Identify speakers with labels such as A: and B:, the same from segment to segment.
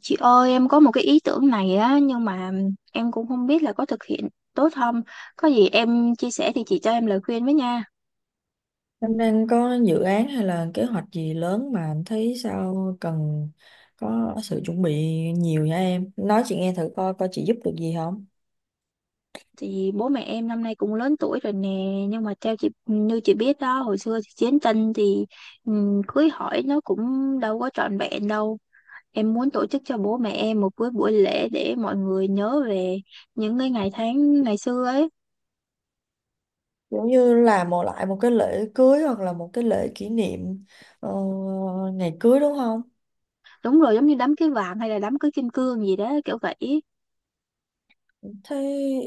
A: Chị ơi, em có một cái ý tưởng này á, nhưng mà em cũng không biết là có thực hiện tốt không. Có gì em chia sẻ thì chị cho em lời khuyên với nha.
B: Năm đang có dự án hay là kế hoạch gì lớn mà anh thấy sao cần có sự chuẩn bị nhiều nha em. Nói chị nghe thử coi coi chị giúp được gì không.
A: Thì bố mẹ em năm nay cũng lớn tuổi rồi nè, nhưng mà theo chị như chị biết đó, hồi xưa thì chiến tranh thì cưới hỏi nó cũng đâu có trọn vẹn đâu. Em muốn tổ chức cho bố mẹ em một cái buổi lễ để mọi người nhớ về những cái ngày tháng ngày xưa ấy.
B: Giống như là một cái lễ cưới hoặc là một cái lễ kỷ niệm ờ, ngày cưới đúng không?
A: Đúng rồi, giống như đám cưới vàng hay là đám cưới kim cương gì đó, kiểu vậy.
B: Thế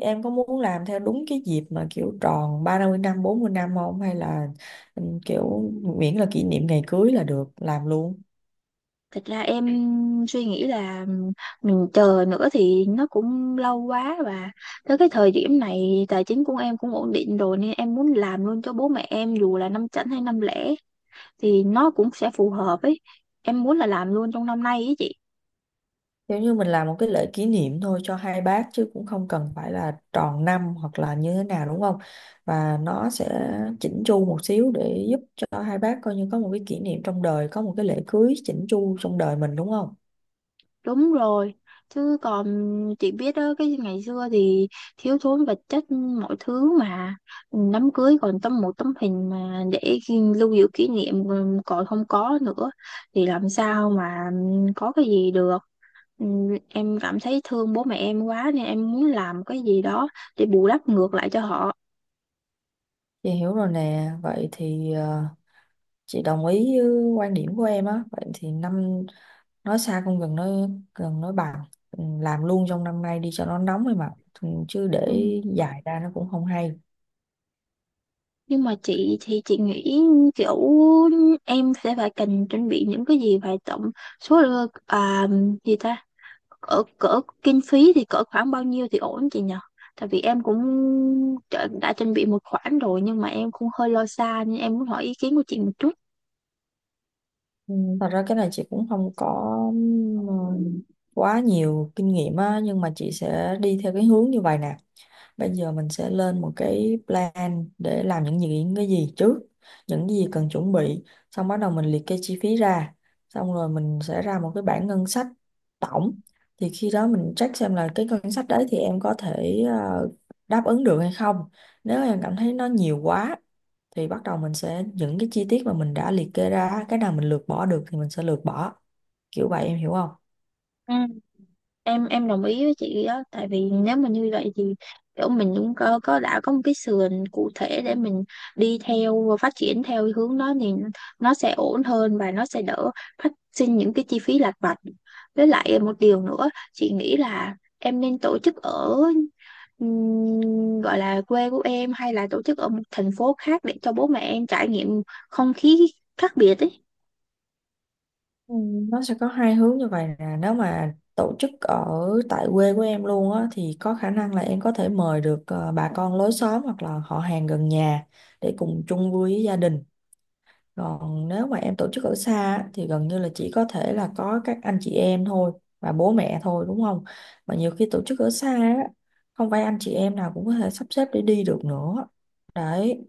B: em có muốn làm theo đúng cái dịp mà kiểu tròn 30 năm, 40 năm không? Hay là kiểu miễn là kỷ niệm ngày cưới là được làm luôn?
A: Thật ra em suy nghĩ là mình chờ nữa thì nó cũng lâu quá, và tới cái thời điểm này tài chính của em cũng ổn định rồi nên em muốn làm luôn cho bố mẹ em, dù là năm chẵn hay năm lẻ thì nó cũng sẽ phù hợp ấy. Em muốn là làm luôn trong năm nay ấy chị.
B: Giống như mình làm một cái lễ kỷ niệm thôi cho hai bác chứ cũng không cần phải là tròn năm hoặc là như thế nào đúng không? Và nó sẽ chỉnh chu một xíu để giúp cho hai bác coi như có một cái kỷ niệm trong đời, có một cái lễ cưới chỉnh chu trong đời mình đúng không?
A: Đúng rồi, chứ còn chị biết đó, cái ngày xưa thì thiếu thốn vật chất mọi thứ mà đám cưới còn một tấm hình mà để lưu giữ kỷ niệm còn không có nữa, thì làm sao mà có cái gì được. Ừ. Em cảm thấy thương bố mẹ em quá nên em muốn làm cái gì đó để bù đắp ngược lại cho họ.
B: Chị hiểu rồi nè, vậy thì chị đồng ý với quan điểm của em á, vậy thì năm nói xa không gần nói gần nói bằng làm luôn trong năm nay đi cho nó nóng ấy mà. Chứ
A: Ừ.
B: để dài ra nó cũng không hay.
A: Nhưng mà chị thì chị nghĩ kiểu em sẽ phải cần chuẩn bị những cái gì, phải tổng à, gì ta, cỡ cỡ kinh phí thì cỡ khoảng bao nhiêu thì ổn chị nhỉ? Tại vì em cũng đã chuẩn bị một khoản rồi, nhưng mà em cũng hơi lo xa nên em muốn hỏi ý kiến của chị một chút.
B: Ừ, Thật ra cái này chị cũng không có ừm, quá nhiều kinh nghiệm á, nhưng mà chị sẽ đi theo cái hướng như vậy nè. Bây giờ mình sẽ lên một cái plan để làm những gì, những cái gì trước, những gì cần chuẩn bị, xong bắt đầu mình liệt kê chi phí ra, xong rồi mình sẽ ra một cái bảng ngân sách tổng. Thì khi đó mình check xem là cái ngân sách đấy thì em có thể đáp ứng được hay không. Nếu em cảm thấy nó nhiều quá thì bắt đầu mình sẽ những cái chi tiết mà mình đã liệt kê ra, cái nào mình lược bỏ được thì mình sẽ lược bỏ. Kiểu vậy em hiểu không?
A: Ừ. Em đồng ý với chị đó, tại vì nếu mà như vậy thì kiểu mình cũng có đã có một cái sườn cụ thể để mình đi theo và phát triển theo hướng đó, thì nó sẽ ổn hơn và nó sẽ đỡ phát sinh những cái chi phí lặt vặt. Với lại một điều nữa, chị nghĩ là em nên tổ chức ở gọi là quê của em, hay là tổ chức ở một thành phố khác để cho bố mẹ em trải nghiệm không khí khác biệt ấy.
B: Ừ, Nó sẽ có hai hướng như vậy nè. Nếu mà tổ chức ở tại quê của em luôn á thì có khả năng là em có thể mời được bà con lối xóm hoặc là họ hàng gần nhà để cùng chung vui với gia đình. Còn nếu mà em tổ chức ở xa á, thì gần như là chỉ có thể là có các anh chị em thôi và bố mẹ thôi đúng không. Mà nhiều khi tổ chức ở xa á không phải anh chị em nào cũng có thể sắp xếp để đi được nữa đấy,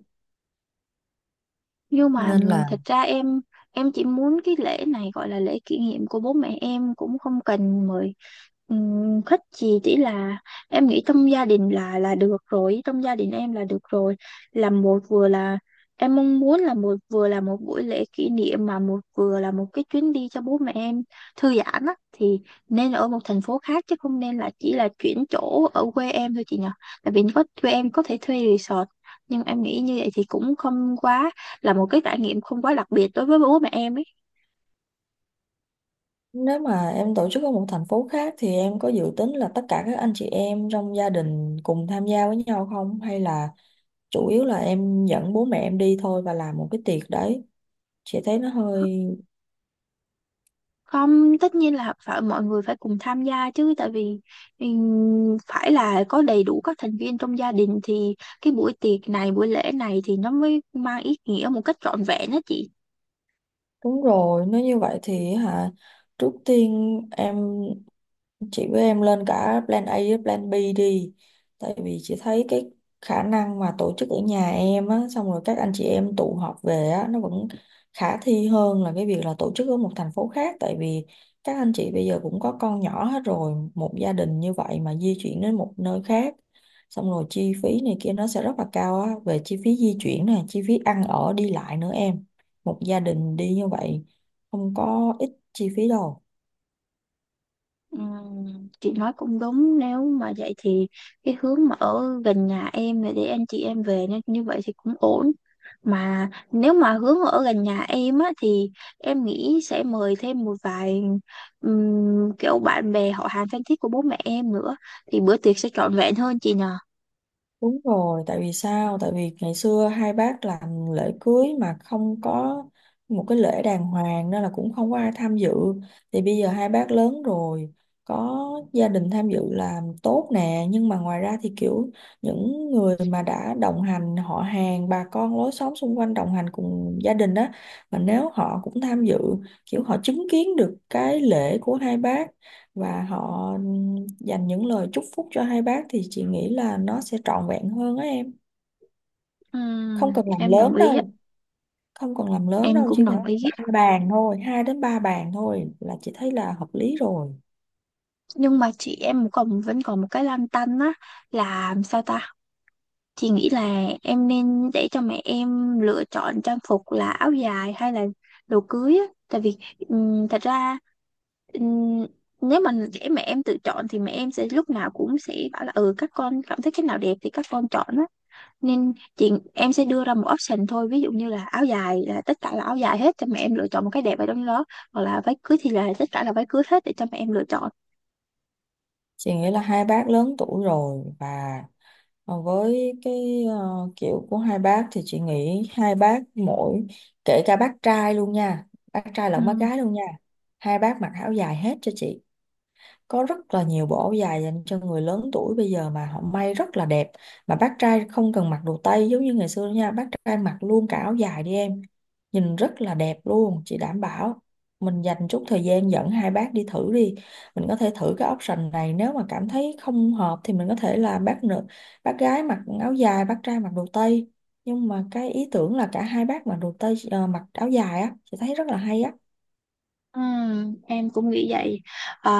A: Nhưng mà
B: nên là.
A: thật ra em chỉ muốn cái lễ này gọi là lễ kỷ niệm của bố mẹ em, cũng không cần mời khách gì, chỉ là em nghĩ trong gia đình là được rồi, trong gia đình em là được rồi. Làm một vừa là em mong muốn là một, vừa là một buổi lễ kỷ niệm mà một, vừa là một cái chuyến đi cho bố mẹ em thư giãn á, thì nên ở một thành phố khác chứ không nên là chỉ là chuyển chỗ ở quê em thôi chị nhỉ. Tại vì có quê em có thể thuê resort, nhưng em nghĩ như vậy thì cũng không quá là một cái trải nghiệm, không quá đặc biệt đối với bố mẹ em ấy.
B: Nếu mà em tổ chức ở một thành phố khác thì em có dự tính là tất cả các anh chị em trong gia đình cùng tham gia với nhau không? Hay là chủ yếu là em dẫn bố mẹ em đi thôi và làm một cái tiệc đấy? Chị thấy nó hơi...
A: Không, tất nhiên là phải mọi người phải cùng tham gia chứ, tại vì phải là có đầy đủ các thành viên trong gia đình thì cái buổi tiệc này, buổi lễ này thì nó mới mang ý nghĩa một cách trọn vẹn đó chị.
B: Đúng rồi, nếu như vậy thì hả? Trước tiên em, chị với em lên cả plan A với plan B đi, tại vì chị thấy cái khả năng mà tổ chức ở nhà em á xong rồi các anh chị em tụ họp về á nó vẫn khả thi hơn là cái việc là tổ chức ở một thành phố khác. Tại vì các anh chị bây giờ cũng có con nhỏ hết rồi, một gia đình như vậy mà di chuyển đến một nơi khác xong rồi chi phí này kia nó sẽ rất là cao á, về chi phí di chuyển này, chi phí ăn ở đi lại nữa em, một gia đình đi như vậy không có ít chi phí đâu.
A: Chị nói cũng đúng. Nếu mà vậy thì cái hướng mà ở gần nhà em là để anh chị em về, nên như vậy thì cũng ổn, mà nếu mà hướng ở gần nhà em á thì em nghĩ sẽ mời thêm một vài kiểu bạn bè họ hàng thân thiết của bố mẹ em nữa, thì bữa tiệc sẽ trọn vẹn hơn chị nhờ.
B: Đúng rồi, tại vì sao? Tại vì ngày xưa hai bác làm lễ cưới mà không có một cái lễ đàng hoàng nên là cũng không có ai tham dự. Thì bây giờ hai bác lớn rồi, có gia đình tham dự là tốt nè, nhưng mà ngoài ra thì kiểu những người mà đã đồng hành, họ hàng, bà con lối xóm xung quanh đồng hành cùng gia đình đó, mà nếu họ cũng tham dự, kiểu họ chứng kiến được cái lễ của hai bác và họ dành những lời chúc phúc cho hai bác thì chị nghĩ là nó sẽ trọn vẹn hơn á em. Không cần làm
A: Em đồng
B: lớn
A: ý á.
B: đâu, không cần làm lớn
A: Em
B: đâu, chỉ
A: cũng
B: cần
A: đồng ý,
B: ba bàn thôi, hai đến ba bàn thôi là chị thấy là hợp lý rồi.
A: nhưng mà chị, em còn vẫn còn một cái lăn tăn á, là sao ta. Chị nghĩ là em nên để cho mẹ em lựa chọn trang phục là áo dài hay là đồ cưới á. Tại vì thật ra ừm, nếu mà để mẹ em tự chọn thì mẹ em sẽ lúc nào cũng sẽ bảo là ừ các con cảm thấy cái nào đẹp thì các con chọn á. Nên chị em sẽ đưa ra một option thôi. Ví dụ như là áo dài là tất cả là áo dài hết, cho mẹ em lựa chọn một cái đẹp ở trong đó. Hoặc là váy cưới thì là tất cả là váy cưới hết để cho mẹ em lựa chọn.
B: Chị nghĩ là hai bác lớn tuổi rồi và với cái kiểu của hai bác thì chị nghĩ hai bác mỗi, kể cả bác trai luôn nha, bác trai
A: Ừ.
B: lẫn bác gái luôn nha, hai bác mặc áo dài hết cho chị. Có rất là nhiều bộ áo dài dành cho người lớn tuổi bây giờ mà họ may rất là đẹp, mà bác trai không cần mặc đồ tây giống như ngày xưa nữa nha, bác trai mặc luôn cả áo dài đi em, nhìn rất là đẹp luôn chị đảm bảo. Mình dành chút thời gian dẫn hai bác đi thử đi, mình có thể thử cái option này, nếu mà cảm thấy không hợp thì mình có thể là bác nữ, bác gái mặc áo dài, bác trai mặc đồ tây. Nhưng mà cái ý tưởng là cả hai bác mặc đồ tây mặc áo dài á chị thấy rất là hay á.
A: Ừ, em cũng nghĩ vậy. À,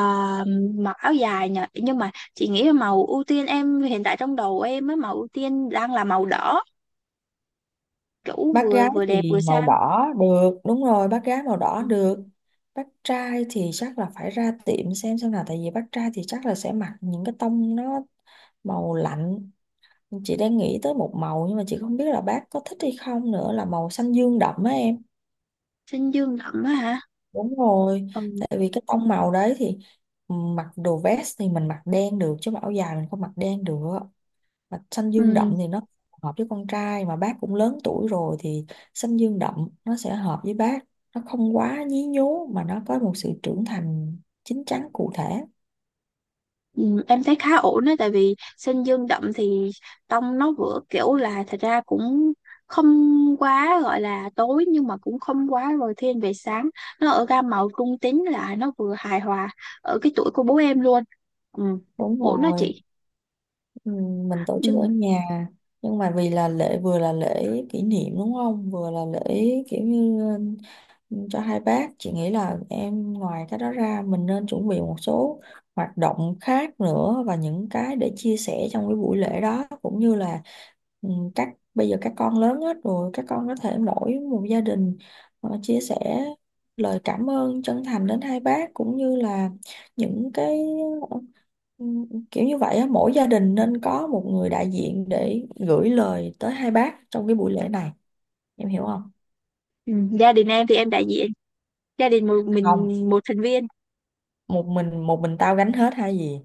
A: mặc áo dài nhờ, nhưng mà chị nghĩ là màu ưu tiên em hiện tại trong đầu em á, màu ưu tiên đang là màu đỏ, kiểu
B: Bác
A: vừa
B: gái
A: vừa đẹp vừa
B: thì màu
A: sang.
B: đỏ được, đúng rồi, bác gái màu đỏ
A: Ừ.
B: được. Bác trai thì chắc là phải ra tiệm xem nào, tại vì bác trai thì chắc là sẽ mặc những cái tông nó màu lạnh. Chị đang nghĩ tới một màu nhưng mà chị không biết là bác có thích hay không nữa, là màu xanh dương đậm á em.
A: Xanh dương đậm á hả?
B: Đúng rồi,
A: Ừ.
B: tại vì cái tông màu đấy thì mặc đồ vest thì mình mặc đen được chứ mà áo dài mình không mặc đen được, mà xanh dương đậm
A: Ừ.
B: thì nó hợp với con trai, mà bác cũng lớn tuổi rồi thì xanh dương đậm nó sẽ hợp với bác, nó không quá nhí nhố mà nó có một sự trưởng thành chín chắn cụ thể.
A: Ừ, em thấy khá ổn đấy, tại vì xanh dương đậm thì tông nó vừa kiểu là thật ra cũng không quá gọi là tối, nhưng mà cũng không quá rồi thiên về sáng, nó ở gam màu trung tính là nó vừa hài hòa ở cái tuổi của bố em luôn. Ừ.
B: Đúng
A: Ổn đó
B: rồi.
A: chị.
B: Ừ, mình tổ chức ở
A: Ừ.
B: nhà, nhưng mà vì là lễ, vừa là lễ kỷ niệm đúng không, vừa là lễ kiểu như cho hai bác, chị nghĩ là em ngoài cái đó ra mình nên chuẩn bị một số hoạt động khác nữa và những cái để chia sẻ trong cái buổi lễ đó, cũng như là ừ, các bây giờ các con lớn hết rồi, các con có thể mỗi một gia đình chia sẻ lời cảm ơn chân thành đến hai bác, cũng như là những cái kiểu như vậy á, mỗi gia đình nên có một người đại diện để gửi lời tới hai bác trong cái buổi lễ này, em hiểu không?
A: Ừ. Gia đình em thì em đại diện gia đình, một
B: Không,
A: mình một thành viên.
B: một mình, một mình tao gánh hết hay gì?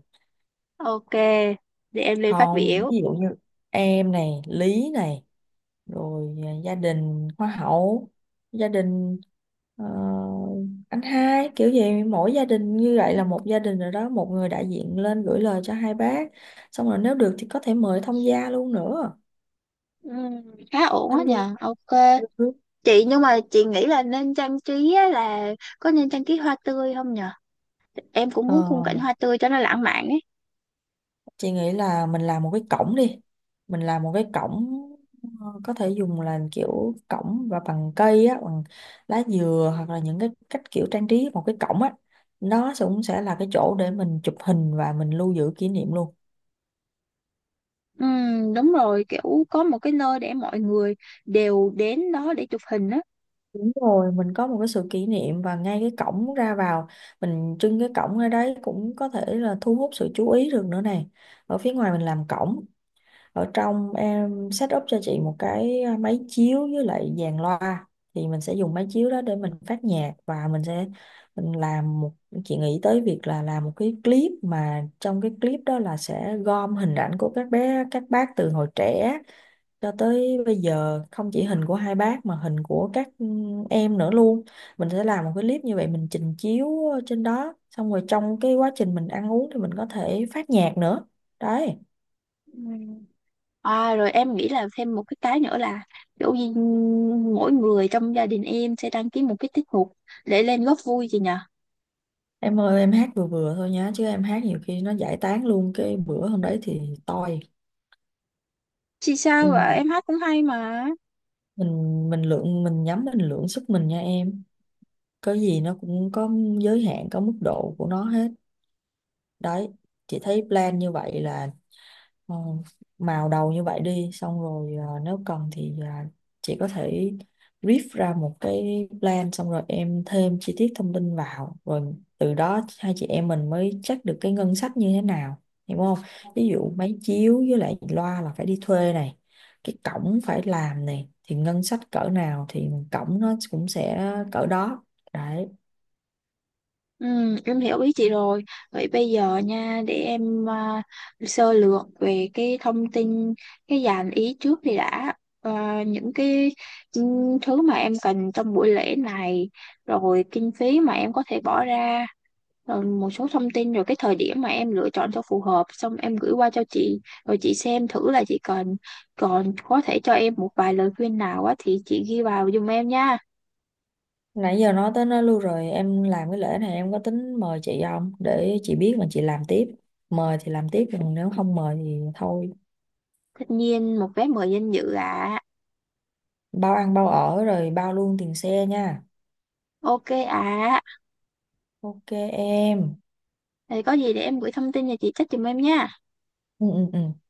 A: Ok, để em lên phát
B: Không,
A: biểu.
B: ví dụ như em này, Lý này, rồi à, gia đình Hoa hậu, gia đình ờ, anh hai, kiểu gì mỗi gia đình như
A: Ừ.
B: vậy là một gia đình rồi đó, một người đại diện lên gửi lời cho hai bác. Xong rồi nếu được thì có thể mời thông gia luôn nữa.
A: Ừ. Khá ổn á
B: Thông gia.
A: nhờ. Ok
B: Ừ.
A: chị, nhưng mà chị nghĩ là nên trang trí á, là có nên trang trí hoa tươi không nhờ, em cũng
B: Ờ,
A: muốn khung cảnh hoa tươi cho nó lãng mạn ấy.
B: chị nghĩ là mình làm một cái cổng đi, mình làm một cái cổng có thể dùng là kiểu cổng và bằng cây á, bằng lá dừa hoặc là những cái cách kiểu trang trí một cái cổng á. Cũng sẽ là cái chỗ để mình chụp hình và mình lưu giữ kỷ niệm luôn.
A: Ừ, đúng rồi, kiểu có một cái nơi để mọi người đều đến đó để chụp hình á.
B: Đúng rồi, mình có một cái sự kỷ niệm, và ngay cái cổng ra vào mình trưng cái cổng ở đấy cũng có thể là thu hút sự chú ý được nữa này. Ở phía ngoài mình làm cổng, ở trong em set up cho chị một cái máy chiếu với lại dàn loa, thì mình sẽ dùng máy chiếu đó để mình phát nhạc và mình sẽ, mình làm một, chị nghĩ tới việc là làm một cái clip mà trong cái clip đó là sẽ gom hình ảnh của các bé các bác từ hồi trẻ cho tới bây giờ, không chỉ hình của hai bác mà hình của các em nữa luôn. Mình sẽ làm một cái clip như vậy mình trình chiếu trên đó, xong rồi trong cái quá trình mình ăn uống thì mình có thể phát nhạc nữa đấy.
A: Ừ. À, rồi em nghĩ là thêm một cái nữa, là kiểu như mỗi người trong gia đình em sẽ đăng ký một cái tiết mục để lên góp vui chị nhỉ?
B: Em ơi em hát vừa vừa thôi nhá, chứ em hát nhiều khi nó giải tán luôn cái bữa hôm đấy thì toi.
A: Chị sao vậy?
B: Ừ.
A: Em hát cũng hay mà.
B: Mình lượng sức mình nha em, có gì nó cũng có giới hạn, có mức độ của nó hết đấy. Chị thấy plan như vậy là, Ờ, màu đầu như vậy đi, xong rồi nếu cần thì chị có thể brief ra một cái plan xong rồi em thêm chi tiết thông tin vào, rồi từ đó hai chị em mình mới check được cái ngân sách như thế nào, hiểu không? Ví dụ máy chiếu với lại loa là phải đi thuê này, cái cổng phải làm này, thì ngân sách cỡ nào thì cổng nó cũng sẽ cỡ đó đấy.
A: Ừ, em hiểu ý chị rồi. Vậy bây giờ nha, để em sơ lược về cái thông tin, cái dàn ý trước đi đã. À, những cái ừ, thứ mà em cần trong buổi lễ này, rồi kinh phí mà em có thể bỏ ra, rồi một số thông tin, rồi cái thời điểm mà em lựa chọn cho phù hợp, xong em gửi qua cho chị, rồi chị xem thử là chị cần. Còn có thể cho em một vài lời khuyên nào á, thì chị ghi vào giùm em nha.
B: Nãy giờ nói tới nó luôn rồi, em làm cái lễ này em có tính mời chị không để chị biết mà chị làm tiếp, mời thì làm tiếp còn nếu không mời thì thôi.
A: Tất nhiên một vé mời danh dự ạ.
B: Bao ăn bao ở rồi bao luôn tiền xe nha.
A: Ok ạ.
B: Ok em.
A: Thì có gì để em gửi thông tin cho chị trách giùm em nha.
B: Ừ, ừ, ừ.